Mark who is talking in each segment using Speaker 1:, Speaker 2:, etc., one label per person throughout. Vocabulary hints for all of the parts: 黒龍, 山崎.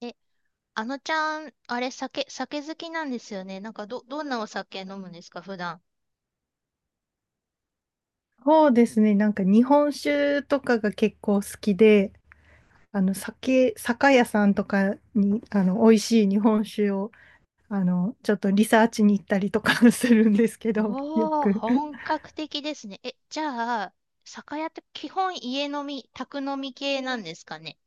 Speaker 1: え、あのちゃん、あれ、酒好きなんですよね。なんか、どんなお酒飲むんですか、普段。
Speaker 2: そうですね。日本酒とかが結構好きで、酒屋さんとかに美味しい日本酒をちょっとリサーチに行ったりとか するんですけど、よ
Speaker 1: おー、
Speaker 2: く。
Speaker 1: 本格的ですね。じゃあ、酒屋って基本家飲み、宅飲み系なんですかね。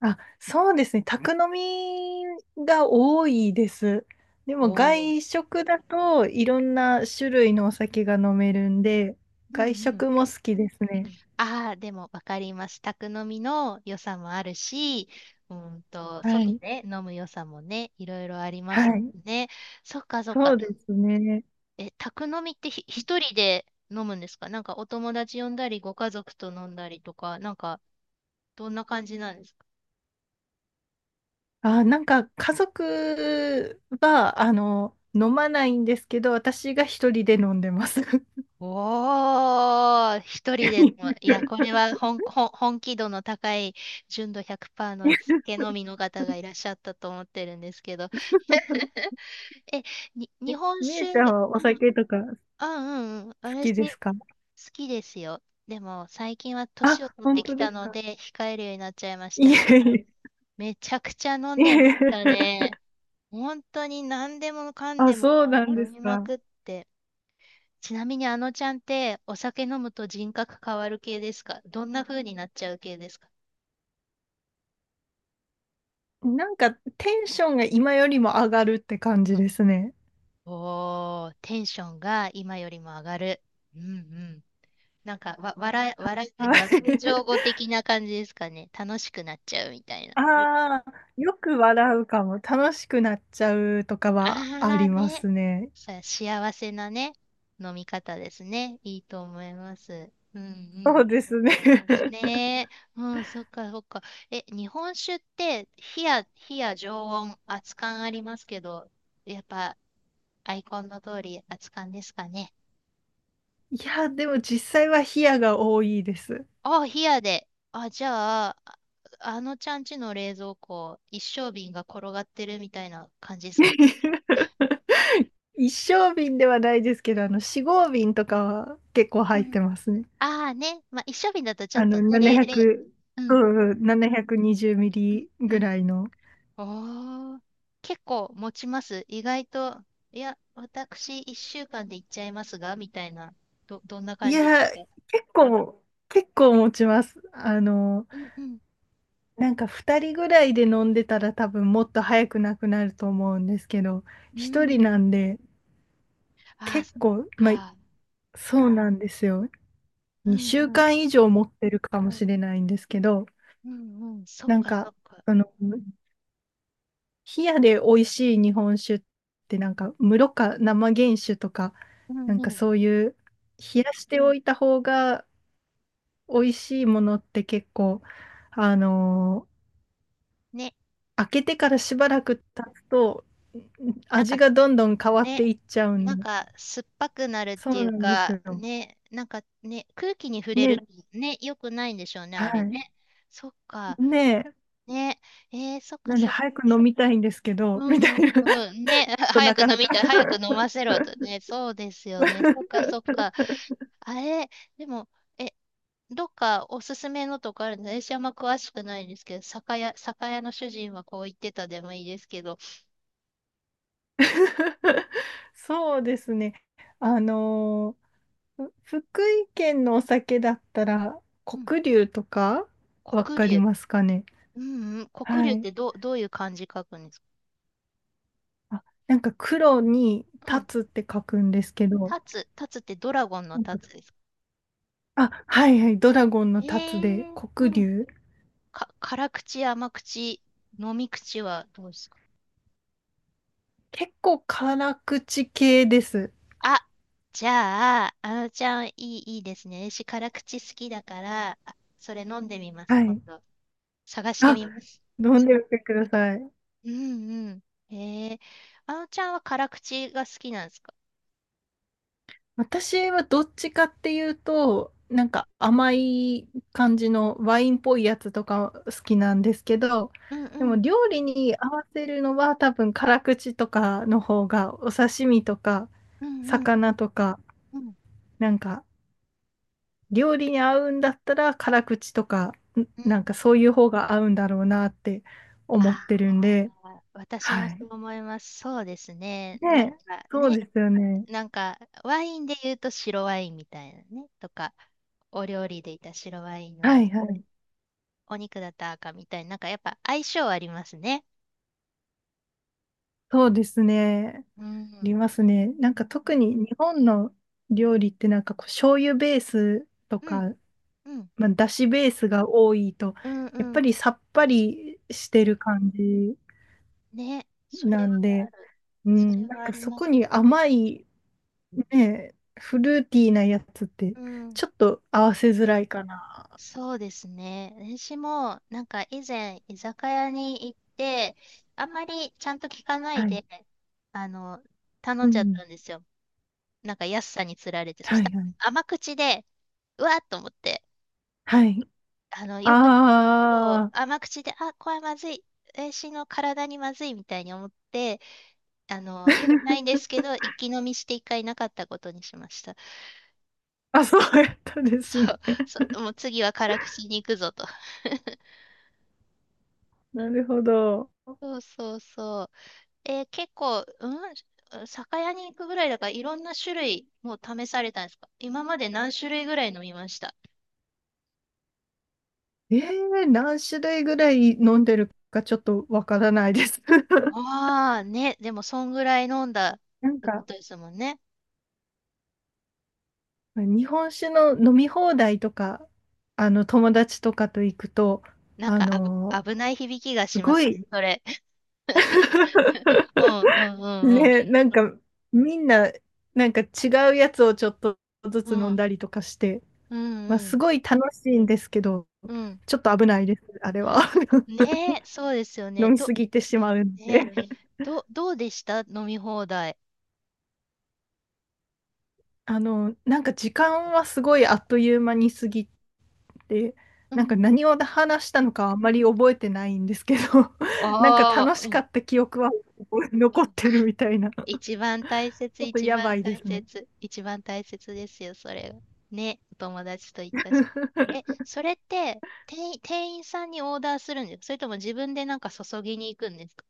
Speaker 2: あ、そうですね。宅飲みが多いです。で
Speaker 1: お
Speaker 2: も外
Speaker 1: ー。
Speaker 2: 食だといろんな種類のお酒が飲めるんで、
Speaker 1: うん
Speaker 2: 外
Speaker 1: うん。
Speaker 2: 食も好きですね。
Speaker 1: ああ、でもわかります。宅飲みの良さもあるし、
Speaker 2: は
Speaker 1: 外
Speaker 2: い。
Speaker 1: で飲む良さもね、いろいろありま
Speaker 2: は
Speaker 1: すもん
Speaker 2: い。
Speaker 1: ね。そっかそっ
Speaker 2: そ
Speaker 1: か。
Speaker 2: うですね。
Speaker 1: 宅飲みって一人で飲むんですか？なんかお友達呼んだり、ご家族と飲んだりとか、なんかどんな感じなんですか？
Speaker 2: あ、家族は、飲まないんですけど、私が一人で飲んでます。
Speaker 1: おー、一人でも、いや、こ れは本気度の高い純度100%の酒飲みの方がいらっしゃったと思ってるんですけど。え、日
Speaker 2: え
Speaker 1: 本
Speaker 2: みゆ
Speaker 1: 酒。
Speaker 2: ち
Speaker 1: う
Speaker 2: ゃんはお
Speaker 1: ん、
Speaker 2: 酒とか好
Speaker 1: あ、うんうん、
Speaker 2: き
Speaker 1: 私
Speaker 2: です
Speaker 1: 好
Speaker 2: か？
Speaker 1: きですよ。でも最近は
Speaker 2: あ、
Speaker 1: 年を取っ
Speaker 2: 本
Speaker 1: て
Speaker 2: 当
Speaker 1: き
Speaker 2: 当で
Speaker 1: た
Speaker 2: す
Speaker 1: の
Speaker 2: か
Speaker 1: で控えるようになっちゃいまし
Speaker 2: い
Speaker 1: た
Speaker 2: え
Speaker 1: けど、
Speaker 2: いえ。
Speaker 1: めちゃくちゃ飲 ん
Speaker 2: い
Speaker 1: でま
Speaker 2: え、
Speaker 1: したね。本当に何でもかん
Speaker 2: あ、
Speaker 1: でも
Speaker 2: そうなんで
Speaker 1: 飲
Speaker 2: す
Speaker 1: みま
Speaker 2: か。
Speaker 1: くって。ちなみにあのちゃんってお酒飲むと人格変わる系ですか？どんな風になっちゃう系ですか？
Speaker 2: テンションが今よりも上がるって感じですね。
Speaker 1: おー、テンションが今よりも上がる。うんうん。なんか、わ、笑い、笑
Speaker 2: は
Speaker 1: い、笑い上戸
Speaker 2: い。
Speaker 1: 的な感じですかね。楽しくなっちゃうみたいな。
Speaker 2: ああ、よく笑うかも。楽しくなっちゃうとかはあ
Speaker 1: あ
Speaker 2: り
Speaker 1: ー
Speaker 2: ま
Speaker 1: ね。
Speaker 2: すね。
Speaker 1: 幸せなね、飲み方ですね。いいと思います。うんう
Speaker 2: そ
Speaker 1: ん。
Speaker 2: うですね。
Speaker 1: ねえ、うん、そっかそっか。日本酒って、火や常温、熱燗ありますけど、やっぱ、アイコンの通り、熱燗ですかね。
Speaker 2: いや、でも実際は冷やが多いです。
Speaker 1: あ、冷やで。あ、じゃあ、ああのちゃんちの冷蔵庫、一升瓶が転がってるみたいな感じですか。
Speaker 2: 一升瓶ではないですけど、四合瓶とかは結構
Speaker 1: う
Speaker 2: 入っ
Speaker 1: ん。
Speaker 2: てますね。
Speaker 1: ああね、まあ、一升瓶だとちょ
Speaker 2: あ
Speaker 1: っと
Speaker 2: の、
Speaker 1: ね、
Speaker 2: 700、
Speaker 1: う
Speaker 2: う
Speaker 1: ん、
Speaker 2: んうん、720ミ
Speaker 1: うん、
Speaker 2: リ
Speaker 1: う
Speaker 2: ぐ
Speaker 1: ん。
Speaker 2: らいの。
Speaker 1: ああ、結構持ちます。意外と、いや、私1週間で行っちゃいますが、みたいな、どんな
Speaker 2: い
Speaker 1: 感じで
Speaker 2: や、
Speaker 1: すか？
Speaker 2: 結構、結構持ちます。
Speaker 1: うんうん、
Speaker 2: 2人ぐらいで飲んでたら多分もっと早くなくなると思うんですけど、
Speaker 1: うんう
Speaker 2: 1人
Speaker 1: ん。
Speaker 2: なんで
Speaker 1: ああ、
Speaker 2: 結
Speaker 1: そっ
Speaker 2: 構、まあ、
Speaker 1: か。
Speaker 2: そうなんですよ。
Speaker 1: うん
Speaker 2: 2週
Speaker 1: うん、
Speaker 2: 間以上持ってるかもしれないんですけど、
Speaker 1: うんうん。そっ
Speaker 2: なん
Speaker 1: かそ
Speaker 2: か、
Speaker 1: っか。
Speaker 2: あの、冷やで美味しい日本酒って室か生原酒とか、
Speaker 1: う
Speaker 2: な
Speaker 1: ん
Speaker 2: ん
Speaker 1: う
Speaker 2: か
Speaker 1: ん。
Speaker 2: そういう、冷やしておいた方が美味しいものって結構、あの
Speaker 1: ね、
Speaker 2: 開けてからしばらく経つと、
Speaker 1: なん
Speaker 2: 味
Speaker 1: か、
Speaker 2: がどんどん変わって
Speaker 1: ね、
Speaker 2: いっちゃうん
Speaker 1: なん
Speaker 2: で。
Speaker 1: か、酸っぱくなるっ
Speaker 2: そ
Speaker 1: てい
Speaker 2: う
Speaker 1: う
Speaker 2: なんです
Speaker 1: か、
Speaker 2: よ。
Speaker 1: ね、なんかね、空気に触れる
Speaker 2: ね、
Speaker 1: とね、良くないんでしょうね、
Speaker 2: は
Speaker 1: あれ
Speaker 2: い。
Speaker 1: ね。そっか。
Speaker 2: ねえ、
Speaker 1: ね、そっか
Speaker 2: なんで
Speaker 1: そっ
Speaker 2: 早
Speaker 1: か。
Speaker 2: く飲みたいんですけど、
Speaker 1: う
Speaker 2: みた
Speaker 1: んう
Speaker 2: い
Speaker 1: ん
Speaker 2: な、ちょ
Speaker 1: う
Speaker 2: っ
Speaker 1: ん。ね、は
Speaker 2: と
Speaker 1: 早
Speaker 2: な
Speaker 1: く
Speaker 2: か
Speaker 1: 飲
Speaker 2: なか。
Speaker 1: みたい、早く飲ませろとね。そうですよね。そっかそっ か。あれ、でも、え、どっかおすすめのとかあるんです？私あんま詳しくないんですけど、酒屋の主人はこう言ってたでもいいですけど。
Speaker 2: そうですね。あのーふ福井県のお酒だったら、
Speaker 1: うん、
Speaker 2: 黒龍とか、わ
Speaker 1: 黒
Speaker 2: かり
Speaker 1: 龍。
Speaker 2: ますかね。
Speaker 1: うんうん、黒龍
Speaker 2: は
Speaker 1: っ
Speaker 2: い。
Speaker 1: てどういう漢字書くんですか？
Speaker 2: あ、黒に
Speaker 1: うん、
Speaker 2: 立つって書くんですけど、
Speaker 1: 立つってドラゴンの
Speaker 2: なんか
Speaker 1: 立つですか？
Speaker 2: あ、はいはい、ドラゴンの
Speaker 1: え
Speaker 2: 立つで、
Speaker 1: ー、う
Speaker 2: 黒
Speaker 1: ん。
Speaker 2: 龍。
Speaker 1: 辛口、甘口、飲み口はどうですか？
Speaker 2: 結構辛口系です。
Speaker 1: あ、じゃあ、あのちゃん、いいですね。私、辛口好きだから、あそれ飲んでみます、
Speaker 2: は
Speaker 1: 今
Speaker 2: い。
Speaker 1: 度。探して
Speaker 2: あ、
Speaker 1: みます。
Speaker 2: 飲んでみてください。
Speaker 1: うんうん。へえ、あのちゃんは辛口が好きなんですか？
Speaker 2: 私はどっちかっていうと、なんか甘い感じのワインっぽいやつとか好きなんですけど、
Speaker 1: うん
Speaker 2: で
Speaker 1: う
Speaker 2: も
Speaker 1: ん。
Speaker 2: 料理に合わせるのは多分辛口とかの方が、お刺身とか
Speaker 1: うんうん
Speaker 2: 魚とか、
Speaker 1: うんうん
Speaker 2: なんか料理に合うんだったら辛口とか、
Speaker 1: うん。
Speaker 2: なんかそういう方が合うんだろうなって思っ
Speaker 1: あ
Speaker 2: てるんで、
Speaker 1: あ、私
Speaker 2: は
Speaker 1: もそ
Speaker 2: い。
Speaker 1: う思います。そうですね。なん
Speaker 2: ね、
Speaker 1: か
Speaker 2: そう
Speaker 1: ね、
Speaker 2: ですよね。
Speaker 1: なんか、ワインで言うと白ワインみたいなね、とか、お料理でいた白ワインは、
Speaker 2: はいはい。
Speaker 1: お肉だったら赤みたいな、なんかやっぱ相性ありますね。
Speaker 2: そうですね。あ
Speaker 1: うん、う
Speaker 2: り
Speaker 1: ん、
Speaker 2: ますね。なんか特に日本の料理ってなんかこう醤油ベースと
Speaker 1: う
Speaker 2: か、
Speaker 1: ん、
Speaker 2: まあ、だしベースが多いと、
Speaker 1: うん、
Speaker 2: や
Speaker 1: う
Speaker 2: っぱ
Speaker 1: ん。
Speaker 2: りさっぱりしてる感じ
Speaker 1: ね、それ
Speaker 2: な
Speaker 1: は
Speaker 2: ん
Speaker 1: あ
Speaker 2: で、
Speaker 1: る。
Speaker 2: う
Speaker 1: それ
Speaker 2: ん、な
Speaker 1: は
Speaker 2: ん
Speaker 1: あ
Speaker 2: か
Speaker 1: り
Speaker 2: そ
Speaker 1: ます。
Speaker 2: こに甘いね、フルーティーなやつって
Speaker 1: うん、
Speaker 2: ちょっと合わせづらいかな。
Speaker 1: そうですね。私も、なんか以前、居酒屋に行って、あんまりちゃんと聞かない
Speaker 2: はい。
Speaker 1: で、あの、頼
Speaker 2: う
Speaker 1: んじゃっ
Speaker 2: ん。
Speaker 1: たんですよ。なんか安さにつられて。そ
Speaker 2: は
Speaker 1: した
Speaker 2: い
Speaker 1: ら
Speaker 2: はい。
Speaker 1: 甘口で、うわっと思って、
Speaker 2: はい。
Speaker 1: あの、よく、そう
Speaker 2: あ
Speaker 1: 甘口で、あ、これはまずい。私の体にまずいみたいに思って、
Speaker 2: あ。
Speaker 1: よく ないんですけど、一気飲みして一回なかったことにしました。
Speaker 2: あ、そうやったです
Speaker 1: そ
Speaker 2: ね。
Speaker 1: う、そう、もう次は辛口に行くぞと。
Speaker 2: なるほど。
Speaker 1: そうそうそう。結構、うん、酒屋に行くぐらいだから、いろんな種類もう試されたんですか？今まで何種類ぐらい飲みました？
Speaker 2: え何種類ぐらい飲んでるかちょっとわからないです。
Speaker 1: ああね、でもそんぐらい飲んだっ
Speaker 2: なん
Speaker 1: てこ
Speaker 2: か、
Speaker 1: とですもんね。
Speaker 2: 日本酒の飲み放題とか、友達とかと行くと、
Speaker 1: なん
Speaker 2: あ
Speaker 1: か
Speaker 2: の、
Speaker 1: 危ない響きが
Speaker 2: す
Speaker 1: しま
Speaker 2: ご
Speaker 1: す
Speaker 2: い。
Speaker 1: ね、それ。うんう んうん
Speaker 2: ね、みんな、なんか違うやつをちょっとず
Speaker 1: う
Speaker 2: つ飲
Speaker 1: ん。う
Speaker 2: ん
Speaker 1: ん
Speaker 2: だりとかして、
Speaker 1: うん
Speaker 2: まあ、
Speaker 1: う
Speaker 2: す
Speaker 1: ん。
Speaker 2: ごい楽しいんですけど、
Speaker 1: うん。
Speaker 2: ちょっと危ないです、あれは。
Speaker 1: ねえ、そうですよね。
Speaker 2: 飲みすぎてしまうん
Speaker 1: ね、
Speaker 2: で。
Speaker 1: どうでした飲み放題？
Speaker 2: 時間はすごいあっという間に過ぎで、
Speaker 1: う
Speaker 2: なんか
Speaker 1: ん。
Speaker 2: 何を話したのかあんまり覚えてないんですけど、なんか
Speaker 1: あ
Speaker 2: 楽
Speaker 1: あ、
Speaker 2: し
Speaker 1: う
Speaker 2: か
Speaker 1: ん。
Speaker 2: った記憶は残っ
Speaker 1: あ、
Speaker 2: てるみたいな、ち
Speaker 1: 一番大切、
Speaker 2: ょっと
Speaker 1: 一
Speaker 2: やば
Speaker 1: 番
Speaker 2: いで
Speaker 1: 大
Speaker 2: すね。
Speaker 1: 切、一番大切ですよ、それが。ね、お友達と行ったし。それって、店員さんにオーダーするんですか？それとも自分でなんか注ぎに行くんですか？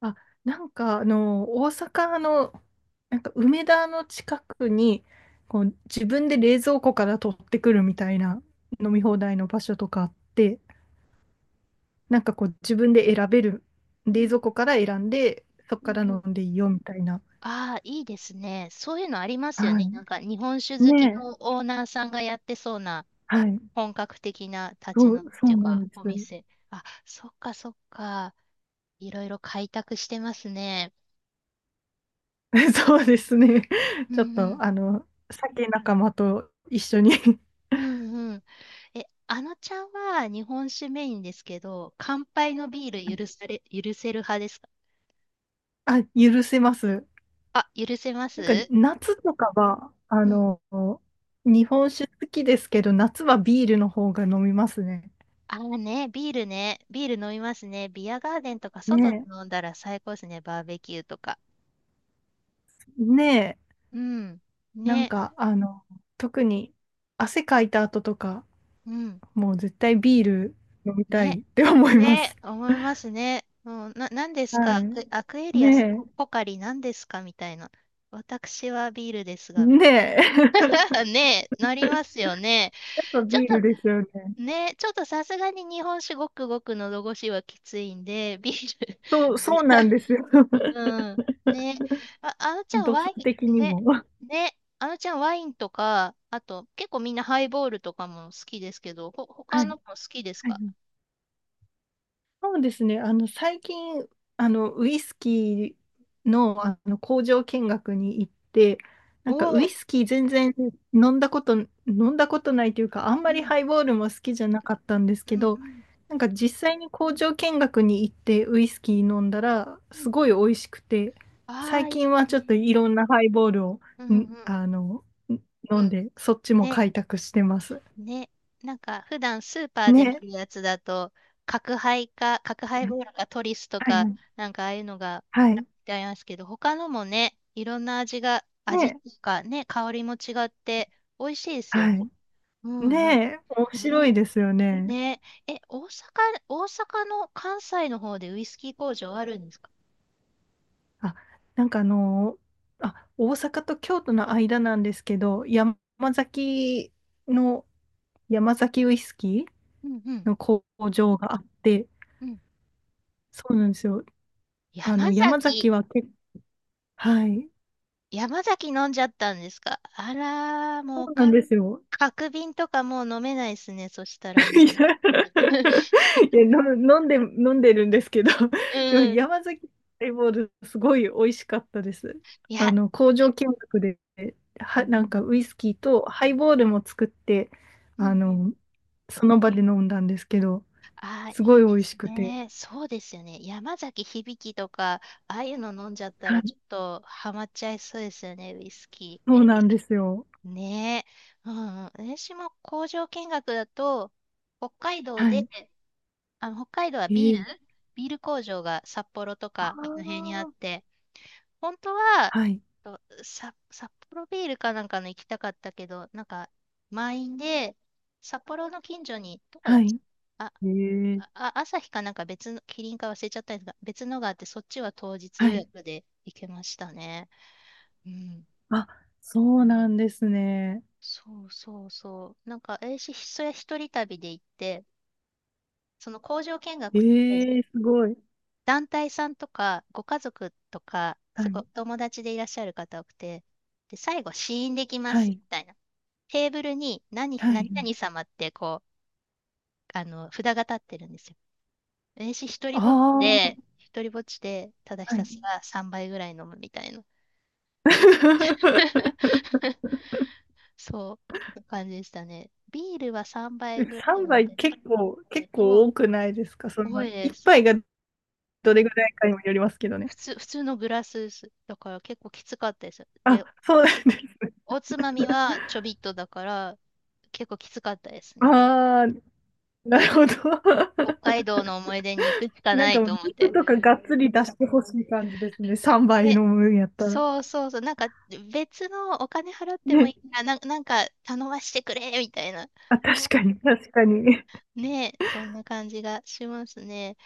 Speaker 2: あ、大阪の、梅田の近くに、こう自分で冷蔵庫から取ってくるみたいな飲み放題の場所とかあって、なんかこう自分で選べる、
Speaker 1: う
Speaker 2: 冷
Speaker 1: ん
Speaker 2: 蔵庫から選んで、そこ
Speaker 1: う
Speaker 2: か
Speaker 1: ん
Speaker 2: ら
Speaker 1: うん。
Speaker 2: 飲んでいいよみたいな。
Speaker 1: ああ、いいですね。そういうのありま
Speaker 2: は
Speaker 1: すよね。
Speaker 2: い。
Speaker 1: なんか日本酒好き
Speaker 2: ねえ。
Speaker 1: のオーナーさんがやってそうな
Speaker 2: はい。
Speaker 1: 本格的な立ち飲みっ
Speaker 2: そ
Speaker 1: てい
Speaker 2: う
Speaker 1: う
Speaker 2: な
Speaker 1: か、
Speaker 2: んです。
Speaker 1: お店。あ、そっかそっか。いろいろ開拓してますね。
Speaker 2: そうですね。
Speaker 1: う
Speaker 2: ちょっ
Speaker 1: んう
Speaker 2: と、
Speaker 1: ん。
Speaker 2: 酒仲間と一緒に。
Speaker 1: うんうん。あのちゃんは日本酒メインですけど、乾杯のビール許され、許せる派ですか？
Speaker 2: あ、許せます。
Speaker 1: あ、許せます？
Speaker 2: 夏とかは、
Speaker 1: うん。
Speaker 2: 日本酒好きですけど、夏はビールの方が飲みますね。
Speaker 1: ああね、ビールね。ビール飲みますね。ビアガーデンとか外で
Speaker 2: ね
Speaker 1: 飲んだら最高ですね。バーベキューとか。
Speaker 2: え、ねえ、
Speaker 1: うん。
Speaker 2: なん
Speaker 1: ね。
Speaker 2: か、あの、特に汗かいた後とか、
Speaker 1: うん。
Speaker 2: もう絶対ビール飲みた
Speaker 1: ね。
Speaker 2: いって思います。
Speaker 1: ね。思いますね。うん、何ですか？
Speaker 2: は
Speaker 1: アクエ
Speaker 2: い。
Speaker 1: リアス、
Speaker 2: ね
Speaker 1: ポカリ何ですかみたいな。私はビールです
Speaker 2: え、
Speaker 1: が、み
Speaker 2: ね
Speaker 1: たいな。
Speaker 2: え。
Speaker 1: ね、なりますよね。
Speaker 2: やっぱ
Speaker 1: ちょっ
Speaker 2: ビー
Speaker 1: と、
Speaker 2: ルですよね。
Speaker 1: ね、ちょっとさすがに日本酒ごくごくのど越しはきついんで、ビール
Speaker 2: そうな んですよ。
Speaker 1: うん。ね。あ、あのちゃん
Speaker 2: 度数
Speaker 1: ワイ
Speaker 2: 的
Speaker 1: ン、
Speaker 2: にも。
Speaker 1: ね、ね、あのちゃんワインとか、あと、結構みんなハイボールとかも好きですけど、
Speaker 2: は
Speaker 1: 他
Speaker 2: い。は
Speaker 1: の
Speaker 2: い
Speaker 1: も好きです
Speaker 2: はい。
Speaker 1: か？
Speaker 2: そうですね。最近、ウイスキーの工場見学に行って、な
Speaker 1: お
Speaker 2: んかウ
Speaker 1: お
Speaker 2: イ
Speaker 1: ー、
Speaker 2: スキー全然飲んだこと、飲んだことないというか、あん
Speaker 1: う
Speaker 2: まり
Speaker 1: ん、
Speaker 2: ハイボールも好きじゃなかったんです
Speaker 1: う
Speaker 2: け
Speaker 1: ん、う
Speaker 2: ど、
Speaker 1: ん、
Speaker 2: なんか実際に工場見学に行ってウイスキー飲んだら、
Speaker 1: う
Speaker 2: す
Speaker 1: ん。
Speaker 2: ごい美味しくて、
Speaker 1: あ
Speaker 2: 最
Speaker 1: あ、い
Speaker 2: 近
Speaker 1: い
Speaker 2: はちょっとい
Speaker 1: ね。
Speaker 2: ろんなハイボールを、
Speaker 1: うん、う
Speaker 2: ん
Speaker 1: ん。
Speaker 2: あの、ん飲んで、そっちも
Speaker 1: ね。
Speaker 2: 開拓してます。
Speaker 1: ね、なんか普段スーパーで見
Speaker 2: ね。
Speaker 1: るやつだと、角ハイボールかトリスと
Speaker 2: はい
Speaker 1: か、
Speaker 2: はい
Speaker 1: なんかああいうのがいっ
Speaker 2: は
Speaker 1: ぱ
Speaker 2: い。
Speaker 1: いありますけど、他のもね、いろんな味が、味っ
Speaker 2: ね、
Speaker 1: ていうかね、香りも違って美味しいですよ
Speaker 2: は
Speaker 1: ね。
Speaker 2: い。
Speaker 1: うんうん。
Speaker 2: ねえ、面白い
Speaker 1: ね、
Speaker 2: ですよね。
Speaker 1: ね、え、大阪、大阪の関西の方でウイスキー工場あるんですか？
Speaker 2: あ、なんかあの、あ、大阪と京都の間なんですけど、山崎の、山崎ウイスキ
Speaker 1: うんう
Speaker 2: ー
Speaker 1: ん
Speaker 2: の工場があって、
Speaker 1: うん。
Speaker 2: そうなんですよ。あ
Speaker 1: 山
Speaker 2: の、山崎
Speaker 1: 崎、
Speaker 2: はけ、はい。
Speaker 1: 山崎飲んじゃったんですか？あらー、
Speaker 2: そ
Speaker 1: もう
Speaker 2: う
Speaker 1: か、
Speaker 2: なんですよ。
Speaker 1: 角瓶とかもう飲めないですね、そした
Speaker 2: いや、
Speaker 1: らね。
Speaker 2: いやの飲んで、飲んでるんですけど、でも
Speaker 1: うん
Speaker 2: 山崎ハイボール、すごい美味しかったです。
Speaker 1: いや、
Speaker 2: 工場見学で、
Speaker 1: う
Speaker 2: は、なん
Speaker 1: ん。
Speaker 2: かウイスキーとハイボールも作って、
Speaker 1: うんう
Speaker 2: あ
Speaker 1: ん。
Speaker 2: の、その場で飲んだんですけど、
Speaker 1: ああ、
Speaker 2: すご
Speaker 1: いい
Speaker 2: い美
Speaker 1: で
Speaker 2: 味し
Speaker 1: す
Speaker 2: くて。
Speaker 1: ね。そうですよね。山崎響とか、ああいうの飲んじゃった
Speaker 2: は
Speaker 1: ら、
Speaker 2: い、
Speaker 1: ちょっとハマっちゃいそうですよね、ウイスキ
Speaker 2: そうなんですよ。
Speaker 1: ー。ねえ。うんうん。私も工場見学だと、北海道
Speaker 2: は
Speaker 1: で、
Speaker 2: い。
Speaker 1: 北海道は
Speaker 2: ええ。
Speaker 1: ビール工場が札幌と
Speaker 2: あ
Speaker 1: か、あの辺にあっ
Speaker 2: あ、
Speaker 1: て、本当は、
Speaker 2: はい。
Speaker 1: 札幌ビールかなんかの行きたかったけど、なんか、満員で、札幌の近所に、どこだっ
Speaker 2: は
Speaker 1: け？
Speaker 2: い。
Speaker 1: あ、
Speaker 2: ええ。
Speaker 1: 朝日かなんか別の、キリンか忘れちゃったんですが、別のがあって、そっちは当日
Speaker 2: は
Speaker 1: 予
Speaker 2: い。
Speaker 1: 約で行けましたね。うん。
Speaker 2: あ、そうなんですね。
Speaker 1: そうそうそう。なんか、私、それ一人旅で行って、その工場見学って、
Speaker 2: ええ、すごい。
Speaker 1: 団体さんとか、ご家族とか、す
Speaker 2: は
Speaker 1: ごい
Speaker 2: い。
Speaker 1: 友達でいらっしゃる方多くて、で、最後、試飲できま
Speaker 2: は
Speaker 1: す、
Speaker 2: い。
Speaker 1: みたいな。テーブルに
Speaker 2: は
Speaker 1: 何
Speaker 2: い。
Speaker 1: 々様ってこう、札が立ってるんですよ。私一人ぼっち
Speaker 2: ああ、
Speaker 1: で、一人ぼっちで、ただひ
Speaker 2: は
Speaker 1: た
Speaker 2: い。
Speaker 1: すら3倍ぐらい飲むみたいな。そう、な感じでしたね。ビールは3倍ぐらい
Speaker 2: 3
Speaker 1: ま
Speaker 2: 杯
Speaker 1: で。
Speaker 2: 結構
Speaker 1: お、
Speaker 2: 多くないですか？そ
Speaker 1: 多
Speaker 2: の、
Speaker 1: いで
Speaker 2: 1
Speaker 1: す。
Speaker 2: 杯がどれぐらいかにもよりますけどね。
Speaker 1: 普通のグラスです。だから結構きつかったです。で、
Speaker 2: あ、そうなんです。
Speaker 1: おつまみはちょびっとだから、結構きつかったですね。で、
Speaker 2: ああ、なるほど。
Speaker 1: 北海道の思い出に行くし か
Speaker 2: な
Speaker 1: な
Speaker 2: んか
Speaker 1: い
Speaker 2: もう
Speaker 1: と思っ
Speaker 2: 肉
Speaker 1: て。
Speaker 2: とかがっつり出してほしい感じですね。3杯飲
Speaker 1: ね、
Speaker 2: むんばいの分やったら。
Speaker 1: そうそうそう、なんか別のお金払っても
Speaker 2: ね。
Speaker 1: いいな、なんか頼ましてくれみたいな、
Speaker 2: あ、確かに、確かに。
Speaker 1: ね、そんな感じがしますね。